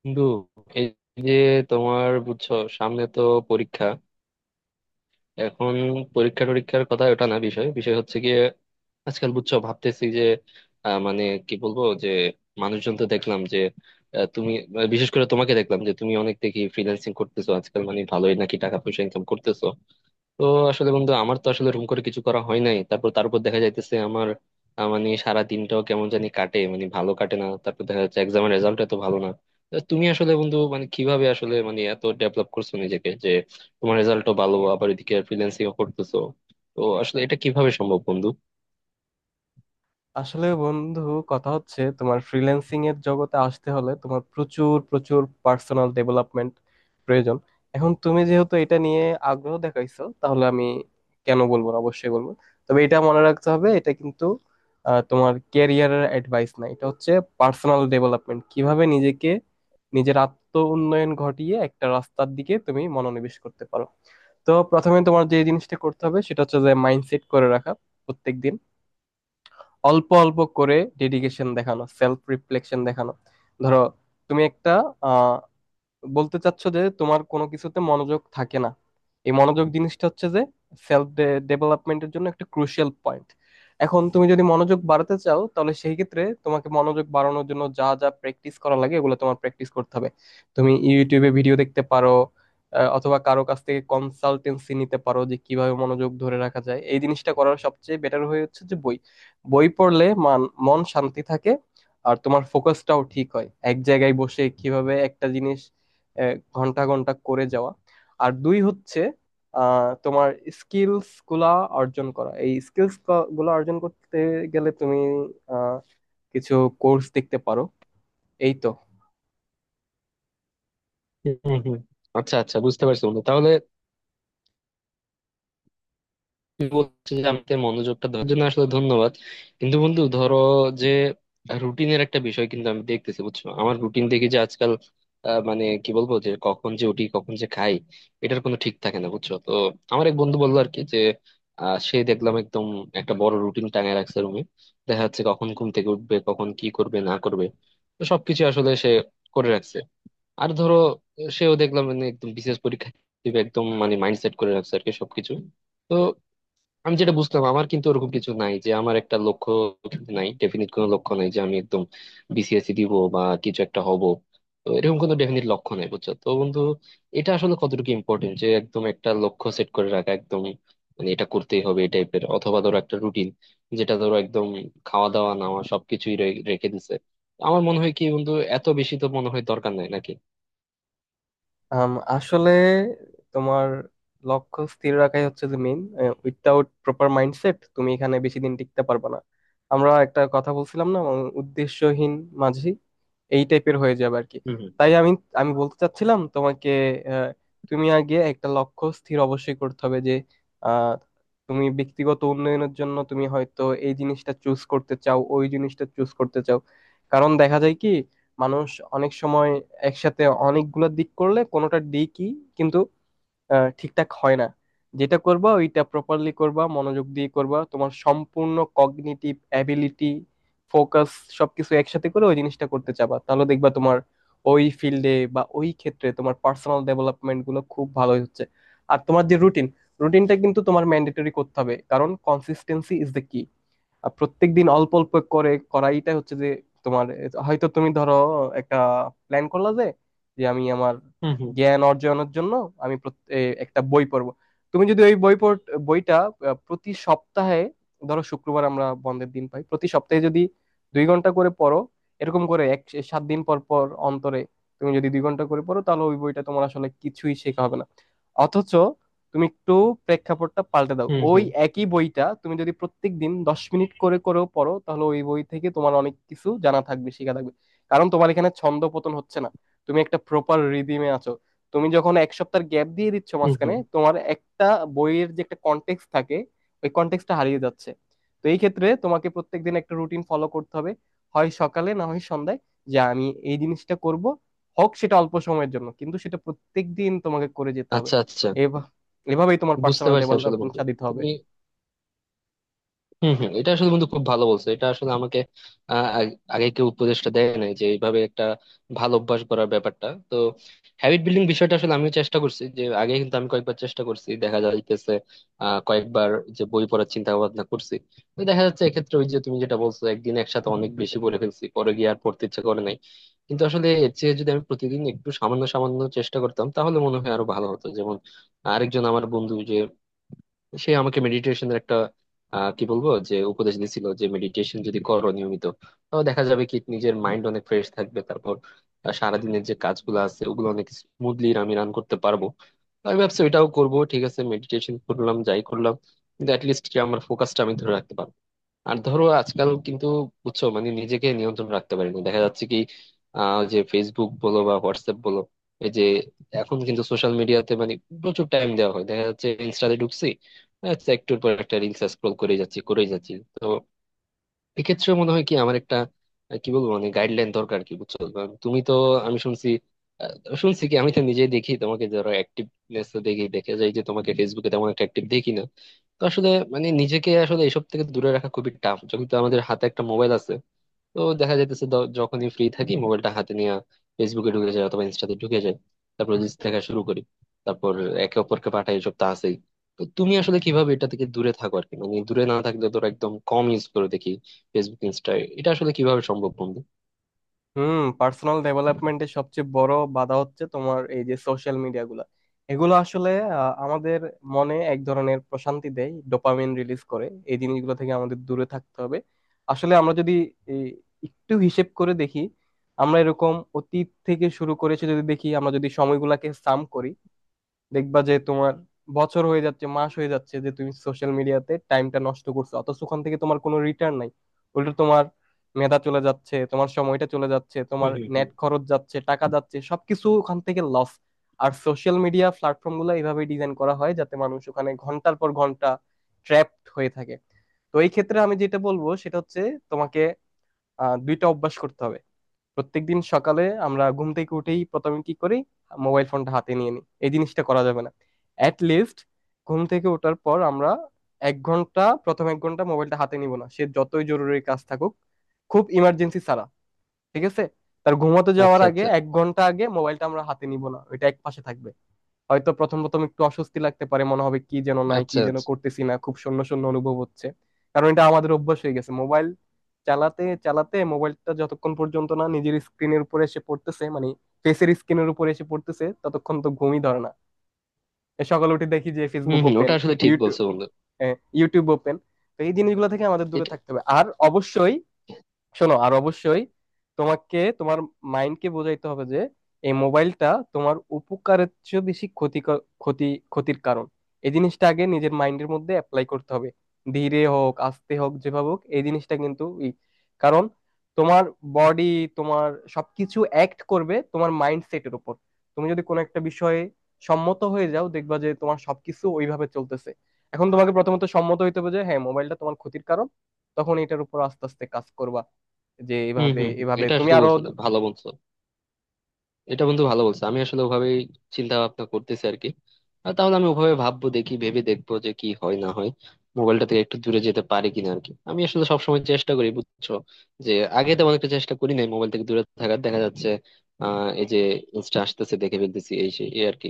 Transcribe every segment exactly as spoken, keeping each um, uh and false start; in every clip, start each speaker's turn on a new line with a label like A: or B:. A: বন্ধু, এই যে তোমার বুঝছো সামনে তো পরীক্ষা। এখন পরীক্ষা টরীক্ষার কথা ওটা না, বিষয় বিষয় হচ্ছে গিয়ে আজকাল বুঝছো ভাবতেছি যে আহ, মানে কি বলবো যে মানুষজন তো দেখলাম যে, আহ, তুমি আহ, বিশেষ করে তোমাকে দেখলাম যে তুমি অনেক দেখি ফ্রিল্যান্সিং করতেছো আজকাল, মানে ভালোই নাকি টাকা পয়সা ইনকাম করতেছো। তো আসলে বন্ধু, আমার তো আসলে রুম করে কিছু করা হয় নাই। তারপর তারপর দেখা যাইতেছে আমার আহ, মানে সারা দিনটাও কেমন জানি কাটে, মানে ভালো কাটে না। তারপর দেখা যাচ্ছে এক্সামের রেজাল্ট এত ভালো না। তো তুমি আসলে বন্ধু মানে কিভাবে আসলে মানে এত ডেভেলপ করছো নিজেকে যে তোমার রেজাল্টও ভালো, আবার এদিকে ফ্রিল্যান্সিং করতেছো। তো আসলে এটা কিভাবে সম্ভব বন্ধু?
B: আসলে বন্ধু, কথা হচ্ছে তোমার ফ্রিল্যান্সিং এর জগতে আসতে হলে তোমার প্রচুর প্রচুর পার্সোনাল ডেভেলপমেন্ট প্রয়োজন। এখন তুমি যেহেতু এটা নিয়ে আগ্রহ দেখাইছো, তাহলে আমি কেন বলবো না, অবশ্যই বলবো। তবে এটা মনে রাখতে হবে, এটা কিন্তু আহ, তোমার ক্যারিয়ারের অ্যাডভাইস না, এটা হচ্ছে পার্সোনাল ডেভেলপমেন্ট। কিভাবে নিজেকে, নিজের আত্ম উন্নয়ন ঘটিয়ে একটা রাস্তার দিকে তুমি মনোনিবেশ করতে পারো। তো প্রথমে তোমার যে জিনিসটা করতে হবে সেটা হচ্ছে যে মাইন্ডসেট করে রাখা, প্রত্যেকদিন অল্প অল্প করে ডেডিকেশন দেখানো, সেলফ রিফ্লেকশন দেখানো। ধরো তুমি একটা আহ বলতে চাচ্ছ যে তোমার কোনো কিছুতে মনোযোগ থাকে না। এই মনোযোগ জিনিসটা হচ্ছে যে সেলফ ডেভেলপমেন্টের জন্য একটা ক্রুশিয়াল পয়েন্ট। এখন তুমি যদি মনোযোগ বাড়াতে চাও, তাহলে সেই ক্ষেত্রে তোমাকে মনোযোগ বাড়ানোর জন্য যা যা প্র্যাকটিস করা লাগে এগুলো তোমার প্র্যাকটিস করতে হবে। তুমি ইউটিউবে ভিডিও দেখতে পারো, আহ, অথবা কারো কাছ থেকে কনসালটেন্সি নিতে পারো যে কিভাবে মনোযোগ ধরে রাখা যায়। এই জিনিসটা করার সবচেয়ে বেটার হয়ে হচ্ছে যে বই, বই পড়লে মান মন শান্তি থাকে, আর তোমার ফোকাসটাও ঠিক হয়, এক জায়গায় বসে কিভাবে একটা জিনিস আহ, ঘন্টা ঘন্টা করে যাওয়া। আর দুই হচ্ছে আহ, তোমার স্কিলস গুলা অর্জন করা। এই স্কিলস গুলা অর্জন করতে গেলে তুমি আহ, কিছু কোর্স দেখতে পারো। এই তো।
A: হম হম। আচ্ছা আচ্ছা, বুঝতে পারছি বন্ধু। তাহলে বলছি যে আমাদের মনোযোগটা দেওয়ার জন্য আসলে ধন্যবাদ। কিন্তু বন্ধু ধরো যে রুটিনের একটা বিষয় কিন্তু আমি দেখতেছি, বুঝছো আমার রুটিন দেখি যে আজকাল আহ, মানে কি বলবো যে কখন যে উঠি, কখন যে খাই, এটার কোনো ঠিক থাকে না। বুঝছো তো, আমার এক বন্ধু বললো আর কি যে আহ, সে দেখলাম একদম একটা বড় রুটিন টাঙায় রাখছে রুমে। দেখা যাচ্ছে কখন ঘুম থেকে উঠবে, কখন কি করবে না করবে, তো সবকিছু আসলে সে করে রাখছে। আর ধরো, সেও দেখলাম মানে একদম বিশেষ পরীক্ষা দিবে, একদম মানে মাইন্ডসেট করে রাখছে আর কি সবকিছু। তো আমি যেটা বুঝলাম আমার কিন্তু ওরকম কিছু নাই, যে আমার একটা লক্ষ্য নাই, ডেফিনিট কোনো লক্ষ্য নাই যে আমি একদম বিসিএসসি দিব বা কিছু একটা হব। তো এরকম কোনো ডেফিনিট লক্ষ্য নাই, বুঝছো তো বন্ধু। এটা আসলে কতটুকু ইম্পর্টেন্ট যে একদম একটা লক্ষ্য সেট করে রাখা, একদম মানে এটা করতেই হবে এই টাইপের, অথবা ধরো একটা রুটিন যেটা ধরো একদম খাওয়া দাওয়া নেওয়া সবকিছুই রে- রেখে দিছে। আমার মনে হয় কি বন্ধু, এত বেশি তো মনে হয় দরকার নাই নাকি?
B: আম, আসলে তোমার লক্ষ্য স্থির রাখাই হচ্ছে যে মেইন। উইথাউট প্রপার মাইন্ডসেট তুমি এখানে বেশি দিন টিকতে পারবে না। আমরা একটা কথা বলছিলাম না, উম, উদ্দেশ্যহীন মাঝি এই টাইপের হয়ে যাবে আর কি।
A: হুম
B: তাই আমি আমি বলতে চাচ্ছিলাম তোমাকে, আহ, তুমি আগে একটা লক্ষ্য স্থির অবশ্যই করতে হবে যে আহ, তুমি ব্যক্তিগত উন্নয়নের জন্য তুমি হয়তো এই জিনিসটা চুজ করতে চাও, ওই জিনিসটা চুজ করতে চাও। কারণ দেখা যায় কি, মানুষ অনেক সময় একসাথে অনেকগুলো দিক করলে কোনোটা দিকই কিন্তু আহ, ঠিকঠাক হয় না। যেটা করবা ওইটা প্রপারলি করবা, মনোযোগ দিয়ে করবা, তোমার সম্পূর্ণ কগনিটিভ অ্যাবিলিটি, ফোকাস, সবকিছু একসাথে করে ওই জিনিসটা করতে চাবা, তাহলে দেখবা তোমার ওই ফিল্ডে বা ওই ক্ষেত্রে তোমার পার্সোনাল ডেভেলপমেন্ট গুলো খুব ভালোই হচ্ছে। আর তোমার যে রুটিন রুটিনটা কিন্তু তোমার ম্যান্ডেটরি করতে হবে, কারণ কনসিস্টেন্সি ইজ দ্য কি। আর প্রত্যেকদিন অল্প অল্প করে করাইটা হচ্ছে যে তোমার, হয়তো তুমি ধরো একটা প্ল্যান করলা যে, যে আমি আমার
A: হুম হুম
B: জ্ঞান অর্জনের জন্য আমি প্রত- এ, একটা বই পড়বো। তুমি যদি ওই বই পড়, বইটা আহ, প্রতি সপ্তাহে, ধরো শুক্রবার আমরা বন্ধের দিন পাই, প্রতি সপ্তাহে যদি দুই ঘন্টা করে পড়ো, এরকম করে এক সাত দিন পর পর অন্তরে তুমি যদি দুই ঘন্টা করে পড়ো, তাহলে ওই বইটা তোমার আসলে কিছুই শেখা হবে না। অথচ তুমি একটু প্রেক্ষাপটটা পাল্টে দাও,
A: হুম। হুম
B: ওই
A: হুম
B: একই বইটা তুমি যদি প্রত্যেকদিন দশ মিনিট করে করেও পড়ো, তাহলে ওই বই থেকে তোমার অনেক কিছু জানা থাকবে, শেখা থাকবে। কারণ তোমার এখানে ছন্দ পতন হচ্ছে না, তুমি একটা প্রপার রিদিমে আছো। তুমি যখন এক সপ্তাহ গ্যাপ দিয়ে দিচ্ছ,
A: হুম
B: মাঝখানে
A: হুম।
B: তোমার একটা বইয়ের যে একটা কনটেক্সট থাকে, ওই কনটেক্সটটা হারিয়ে যাচ্ছে। তো এই ক্ষেত্রে তোমাকে প্রত্যেকদিন একটা রুটিন ফলো করতে হবে, হয় সকালে না হয় সন্ধ্যায়, যে আমি এই জিনিসটা করব। হোক সেটা অল্প সময়ের জন্য, কিন্তু সেটা প্রত্যেকদিন তোমাকে করে যেতে হবে।
A: আচ্ছা আচ্ছা,
B: এভাবে, এভাবেই তোমার
A: বুঝতে
B: পার্সোনাল
A: পারছি আসলে বন্ধু।
B: ডেভেলপমেন্টটা দিতে হবে।
A: হম হম। এটা আসলে বন্ধু খুব ভালো বলছো। এটা আসলে আমাকে আহ, আগ- আগে কেউ উপদেশটা দেয় নাই যে এইভাবে একটা ভালো অভ্যাস করার ব্যাপারটা তো। হ্যাবিট বিল্ডিং বিষয়টা আসলে আমিও চেষ্টা করছি যে, আগে কিন্তু আমি কয়েকবার চেষ্টা করছি, দেখা যাইতেছে আহ কয়েকবার যে বই পড়ার চিন্তা ভাবনা করছি। তো দেখা যাচ্ছে এক্ষেত্রে ওই যে তুমি যেটা বলছো, একদিন একসাথে অনেক বেশি পড়ে ফেলছি, পরে গিয়ে আর পড়তে ইচ্ছা করে নাই। কিন্তু আসলে এর চেয়ে যদি আমি প্রতিদিন একটু সামান্য সামান্য চেষ্টা করতাম, তাহলে মনে হয় আরো ভালো হতো। যেমন আরেকজন আমার বন্ধু যে, সে আমাকে মেডিটেশনের একটা আহ, কি বলবো যে উপদেশ দিছিল, যে মেডিটেশন যদি করো নিয়মিত, তাহলে দেখা যাবে কি নিজের মাইন্ড অনেক ফ্রেশ থাকবে, তারপর আহ, সারাদিনের যে কাজগুলো আছে ওগুলো অনেক স্মুথলি আমি রান করতে পারবো। তো আমি ভাবছি ওইটাও করবো। ঠিক আছে মেডিটেশন করলাম যাই করলাম, কিন্তু অ্যাটলিস্ট আমার ফোকাসটা আমি ধরে রাখতে পারবো। আর ধরো আজকাল কিন্তু বুঝছো মানে নিজেকে নিয়ন্ত্রণ রাখতে পারি না, দেখা যাচ্ছে কি আহ ওই যে ফেসবুক বলো বা হোয়াটসঅ্যাপ বলো, এই যে এখন কিন্তু সোশ্যাল মিডিয়াতে মানে প্রচুর টাইম দেওয়া হয়। দেখা যাচ্ছে ইনস্টাতে ঢুকছি, আচ্ছা একটুর পর একটা রিলস স্ক্রল করে যাচ্ছি করে যাচ্ছি। তো এক্ষেত্রে মনে হয় কি আমার একটা আহ, কি বলবো মানে গাইডলাইন দরকার কি, বুঝছো? কারণ তুমি তো, আমি শুনছি আহ, শুনছি কি, আমি তো নিজেই দেখি তোমাকে, ধরো অ্যাক্টিভনেস তো দেখি, দেখে যাই যে তোমাকে ফেসবুকে তেমন একটা অ্যাক্টিভ দেখি না। তো আসলে মানে নিজেকে আসলে এসব থেকে দূরে রাখা খুবই টাফ, যখন তো আমাদের হাতে একটা মোবাইল আছে। তো দেখা যাইতেছে দ- যখনই ফ্রি থাকি মোবাইলটা হাতে নিয়ে ফেসবুকে ঢুকে যায় অথবা ইনস্টাতে ঢুকে যায়, তারপর রিলস দেখা শুরু করি, তারপর একে অপরকে পাঠাই, এসব তো আছেই। তো তুমি আসলে কিভাবে এটা থেকে দূরে থাকো আর কি, মানে দূরে না থাকলে তোর একদম কম ইউজ করে দেখি ফেসবুক ইনস্টা। এটা আসলে কিভাবে সম্ভব বন্ধু?
B: হুম, পার্সোনাল ডেভেলপমেন্টের সবচেয়ে বড় বাধা হচ্ছে তোমার এই যে সোশ্যাল মিডিয়া গুলা। এগুলো আসলে আহ, আমাদের মনে এক ধরনের প্রশান্তি দেয়, ডোপামিন রিলিজ করে। এই জিনিসগুলো থেকে আমাদের দূরে থাকতে হবে। আসলে আমরা যদি এই, একটু হিসেব করে দেখি, আমরা এরকম অতীত থেকে শুরু করেছে যদি দেখি, আমরা যদি সময়গুলাকে সাম করি, দেখবা যে তোমার বছর হয়ে যাচ্ছে, মাস হয়ে যাচ্ছে যে তুমি সোশ্যাল মিডিয়াতে টাইমটা নষ্ট করছো, অথচ ওখান থেকে তোমার কোনো রিটার্ন নাই। উল্টো তোমার মেধা চলে যাচ্ছে, তোমার সময়টা চলে যাচ্ছে,
A: হুম
B: তোমার
A: হুম হুম।
B: নেট খরচ যাচ্ছে, টাকা যাচ্ছে, সবকিছু ওখান থেকে লস। আর সোশ্যাল মিডিয়া প্ল্যাটফর্ম গুলো এইভাবে ডিজাইন করা হয় যাতে মানুষ ওখানে ঘন্টার পর ঘন্টা ট্র্যাপড হয়ে থাকে। তো এই ক্ষেত্রে আমি যেটা বলবো সেটা হচ্ছে তোমাকে আহ, দুইটা অভ্যাস করতে হবে। প্রত্যেকদিন সকালে আমরা ঘুম থেকে উঠেই প্রথমে কি করি, মোবাইল ফোনটা হাতে নিয়ে নিই। এই জিনিসটা করা যাবে না। অ্যাট লিস্ট ঘুম থেকে ওঠার পর আমরা এক ঘন্টা, প্রথম এক ঘন্টা মোবাইলটা হাতে নিব না, সে যতই জরুরি কাজ থাকুক, খুব ইমার্জেন্সি ছাড়া। ঠিক আছে? তার ঘুমাতে যাওয়ার
A: আচ্ছা
B: আগে
A: আচ্ছা।
B: এক ঘন্টা আগে মোবাইলটা আমরা হাতে নিব না, ওইটা এক পাশে থাকবে। হয়তো প্রথম প্রথম একটু অস্বস্তি লাগতে পারে, মনে হবে কি যেন নাই, কি
A: আচ্ছা
B: যেন
A: আচ্ছা।
B: করতেছি না, খুব শূন্য শূন্য অনুভব হচ্ছে। কারণ এটা আমাদের অভ্যাস হয়ে গেছে, মোবাইল চালাতে চালাতে মোবাইলটা যতক্ষণ পর্যন্ত না নিজের স্ক্রিনের উপরে এসে পড়তেছে, মানে ফেসের স্ক্রিনের উপরে এসে পড়তেছে, ততক্ষণ তো ঘুমই ধরে না। এ সকালে উঠে দেখি যে
A: হম
B: ফেসবুক
A: হম,
B: ওপেন,
A: ওটা আসলে ঠিক
B: ইউটিউব
A: বলছো বন্ধু।
B: YouTube open. তো এই জিনিসগুলো থেকে আমাদের দূরে
A: এটা।
B: থাকতে হবে। আর অবশ্যই শোনো, আর অবশ্যই তোমাকে তোমার মাইন্ডকে বোঝাইতে হবে যে এই মোবাইলটা তোমার উপকারের চেয়ে বেশি ক্ষতি, ক্ষতি ক্ষতির কারণ। এই জিনিসটা আগে নিজের মাইন্ডের মধ্যে অ্যাপ্লাই করতে হবে, ধীরে হোক আস্তে হোক যেভাবে হোক এই জিনিসটা কিন্তু ই। কারণ তোমার বডি, তোমার সবকিছু অ্যাক্ট করবে তোমার মাইন্ডসেটের উপর। তুমি যদি কোনো একটা বিষয়ে সম্মত হয়ে যাও, দেখবা যে তোমার সবকিছু ওইভাবে চলতেছে। এখন তোমাকে প্রথমত সম্মত হইতে হবে যে হ্যাঁ, মোবাইলটা তোমার ক্ষতির কারণ। তখন এটার উপর আস্তে আস্তে কাজ করবা, যে
A: হম
B: এভাবে
A: হম হম,
B: এভাবে
A: এটা
B: তুমি
A: আসলে
B: আরো।
A: বলছো, ভালো বলছো। এটা বন্ধু ভালো বলছো, আমি আসলে ওভাবেই চিন্তা ভাবনা করতেছি আর কি। আর তাহলে আমি ওভাবে ভাববো, দেখি ভেবে দেখবো যে কি হয় না হয়, মোবাইলটা থেকে একটু দূরে যেতে পারি কিনা আর কি। আমি আসলে সবসময় চেষ্টা করি বুঝছো যে, আগে তেমন একটা চেষ্টা করি নাই মোবাইল থেকে দূরে থাকার, দেখা যাচ্ছে আহ এই যে ইনস্টা আসতেছে দেখে ফেলতেছি এই সেই এই আর কি।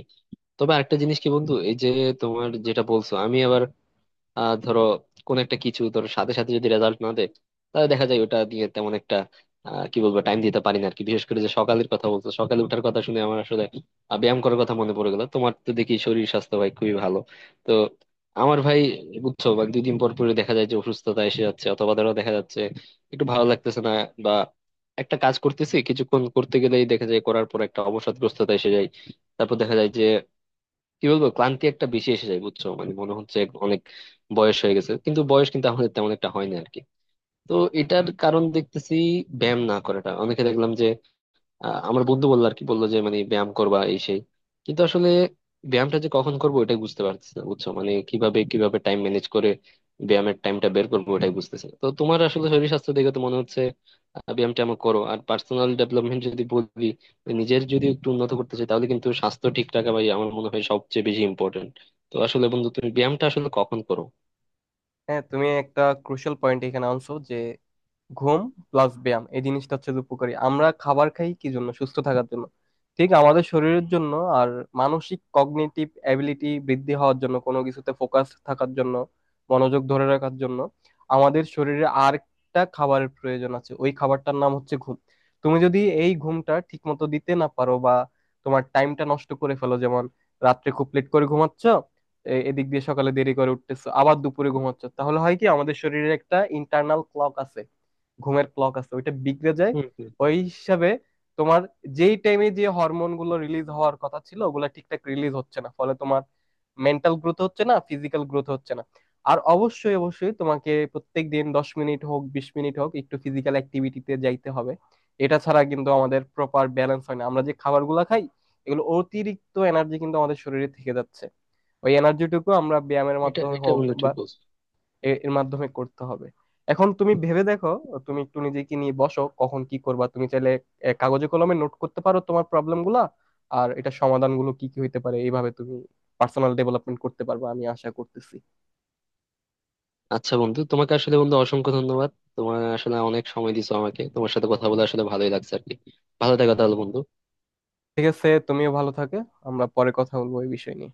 A: তবে আরেকটা জিনিস কি বন্ধু, এই যে তোমার যেটা বলছো, আমি আবার আহ ধরো কোন একটা কিছু, ধরো সাথে সাথে যদি রেজাল্ট না দেয়, তাহলে দেখা যায় ওটা দিয়ে তেমন একটা আহ, কি বলবো টাইম দিতে পারি না আর কি। বিশেষ করে যে সকালের কথা বলতো, সকালে ওঠার কথা শুনে আমার আসলে আহ, ব্যায়াম করার কথা মনে পড়ে গেল। তোমার তো দেখি শরীর স্বাস্থ্য ভাই খুবই ভালো। তো আমার ভাই বুঝছো বা দুই দিন পর পরে দেখা যায় যে অসুস্থতা এসে যাচ্ছে, অথবা ধরো দেখা যাচ্ছে একটু ভালো লাগতেছে না, বা একটা কাজ করতেছি, কিছুক্ষণ করতে গেলেই দেখা যায় করার পর একটা অবসাদগ্রস্ততা এসে যায়। তারপর দেখা যায় যে কি বলবো, ক্লান্তি একটা বেশি এসে যায়, বুঝছো মানে মনে হচ্ছে এক- অনেক বয়স হয়ে গেছে, কিন্তু বয়স কিন্তু আমাদের তেমন একটা হয় না আরকি। তো এটার কারণ দেখতেছি ব্যায়াম না করাটা। অনেকে দেখলাম যে আহ, আমার বন্ধু বললো আর কি, বললো যে মানে ব্যায়াম করবা এই সেই, কিন্তু আসলে ব্যায়ামটা যে কখন করবো এটাই বুঝতে পারতেছি না, বুঝছো মানে কিভাবে কিভাবে টাইম ম্যানেজ করে ব্যায়ামের টাইমটা বের করবো ওটাই বুঝতেছি না। তো তোমার আসলে শরীর স্বাস্থ্য দেখে তো মনে হচ্ছে আহ, ব্যায়ামটা আমার করো, আর পার্সোনাল ডেভেলপমেন্ট যদি বলি, নিজের যদি একটু উন্নত করতে চাই তাহলে কিন্তু স্বাস্থ্য ঠিক রাখা ভাই আমার মনে হয় সবচেয়ে বেশি ইম্পর্টেন্ট। তো আসলে বন্ধু তুমি ব্যায়ামটা আসলে কখন করো?
B: হ্যাঁ, তুমি একটা ক্রুশিয়াল পয়েন্ট এখানে আনছো যে ঘুম প্লাস ব্যায়াম, এই জিনিসটা হচ্ছে যে উপকারী। আমরা খাবার খাই কি জন্য, সুস্থ থাকার জন্য, ঠিক আমাদের শরীরের জন্য। আর মানসিক কগনিটিভ অ্যাবিলিটি বৃদ্ধি হওয়ার জন্য, কোনো কিছুতে ফোকাস থাকার জন্য, মনোযোগ ধরে রাখার জন্য আমাদের শরীরে আরেকটা খাবারের প্রয়োজন আছে, ওই খাবারটার নাম হচ্ছে ঘুম। তুমি যদি এই ঘুমটা ঠিক মতো দিতে না পারো, বা তোমার টাইমটা নষ্ট করে ফেলো, যেমন রাত্রে খুব লেট করে ঘুমাচ্ছ, এ- এদিক দিয়ে সকালে দেরি করে উঠতেছো, আবার দুপুরে ঘুমাচ্ছ, তাহলে হয় কি, আমাদের শরীরে একটা ইন্টারনাল ক্লক আছে, ঘুমের ক্লক আছে, ওইটা বিগড়ে যায়।
A: হম হম হম।
B: ওই হিসাবে তোমার যেই টাইমে যে হরমোন গুলো রিলিজ হওয়ার কথা ছিল, ওগুলো ঠিকঠাক রিলিজ হচ্ছে না, ফলে তোমার মেন্টাল গ্রোথ হচ্ছে না, ফিজিক্যাল গ্রোথ হচ্ছে না। আর অবশ্যই অবশ্যই তোমাকে প্রত্যেক দিন দশ মিনিট হোক বিশ মিনিট হোক একটু ফিজিক্যাল অ্যাক্টিভিটিতে যাইতে হবে। এটা ছাড়া কিন্তু আমাদের প্রপার ব্যালেন্স হয় না। আমরা যে খাবারগুলো খাই, এগুলো অতিরিক্ত এনার্জি কিন্তু আমাদের শরীরে থেকে যাচ্ছে, ওই এনার্জিটুকু আমরা ব্যায়ামের
A: এটা
B: মাধ্যমে
A: এটা
B: হোক
A: বন্ধু
B: বা
A: ঠিক বলছো।
B: এ- এর মাধ্যমে করতে হবে। এখন তুমি ভেবে দেখো, তুমি একটু নিজেকে নিয়ে বসো কখন কি করবা। তুমি চাইলে এ, কাগজে কলমে নোট করতে পারো তোমার প্রবলেম গুলা, আর এটা সমাধানগুলো কি কি হইতে পারে, এইভাবে তুমি পার্সোনাল ডেভেলপমেন্ট করতে পারবা, আমি আশা করতেছি।
A: আচ্ছা বন্ধু, তোমাকে আসলে বন্ধু অসংখ্য ধন্যবাদ। তোমার আসলে অনেক সময় দিছো আমাকে, তোমার সাথে কথা বলে আসলে ভালোই লাগছে আর কি। ভালো থাকো তাহলে বন্ধু।
B: ঠিক আছে, তুমিও ভালো থাকে, আমরা পরে কথা বলবো এই বিষয় নিয়ে।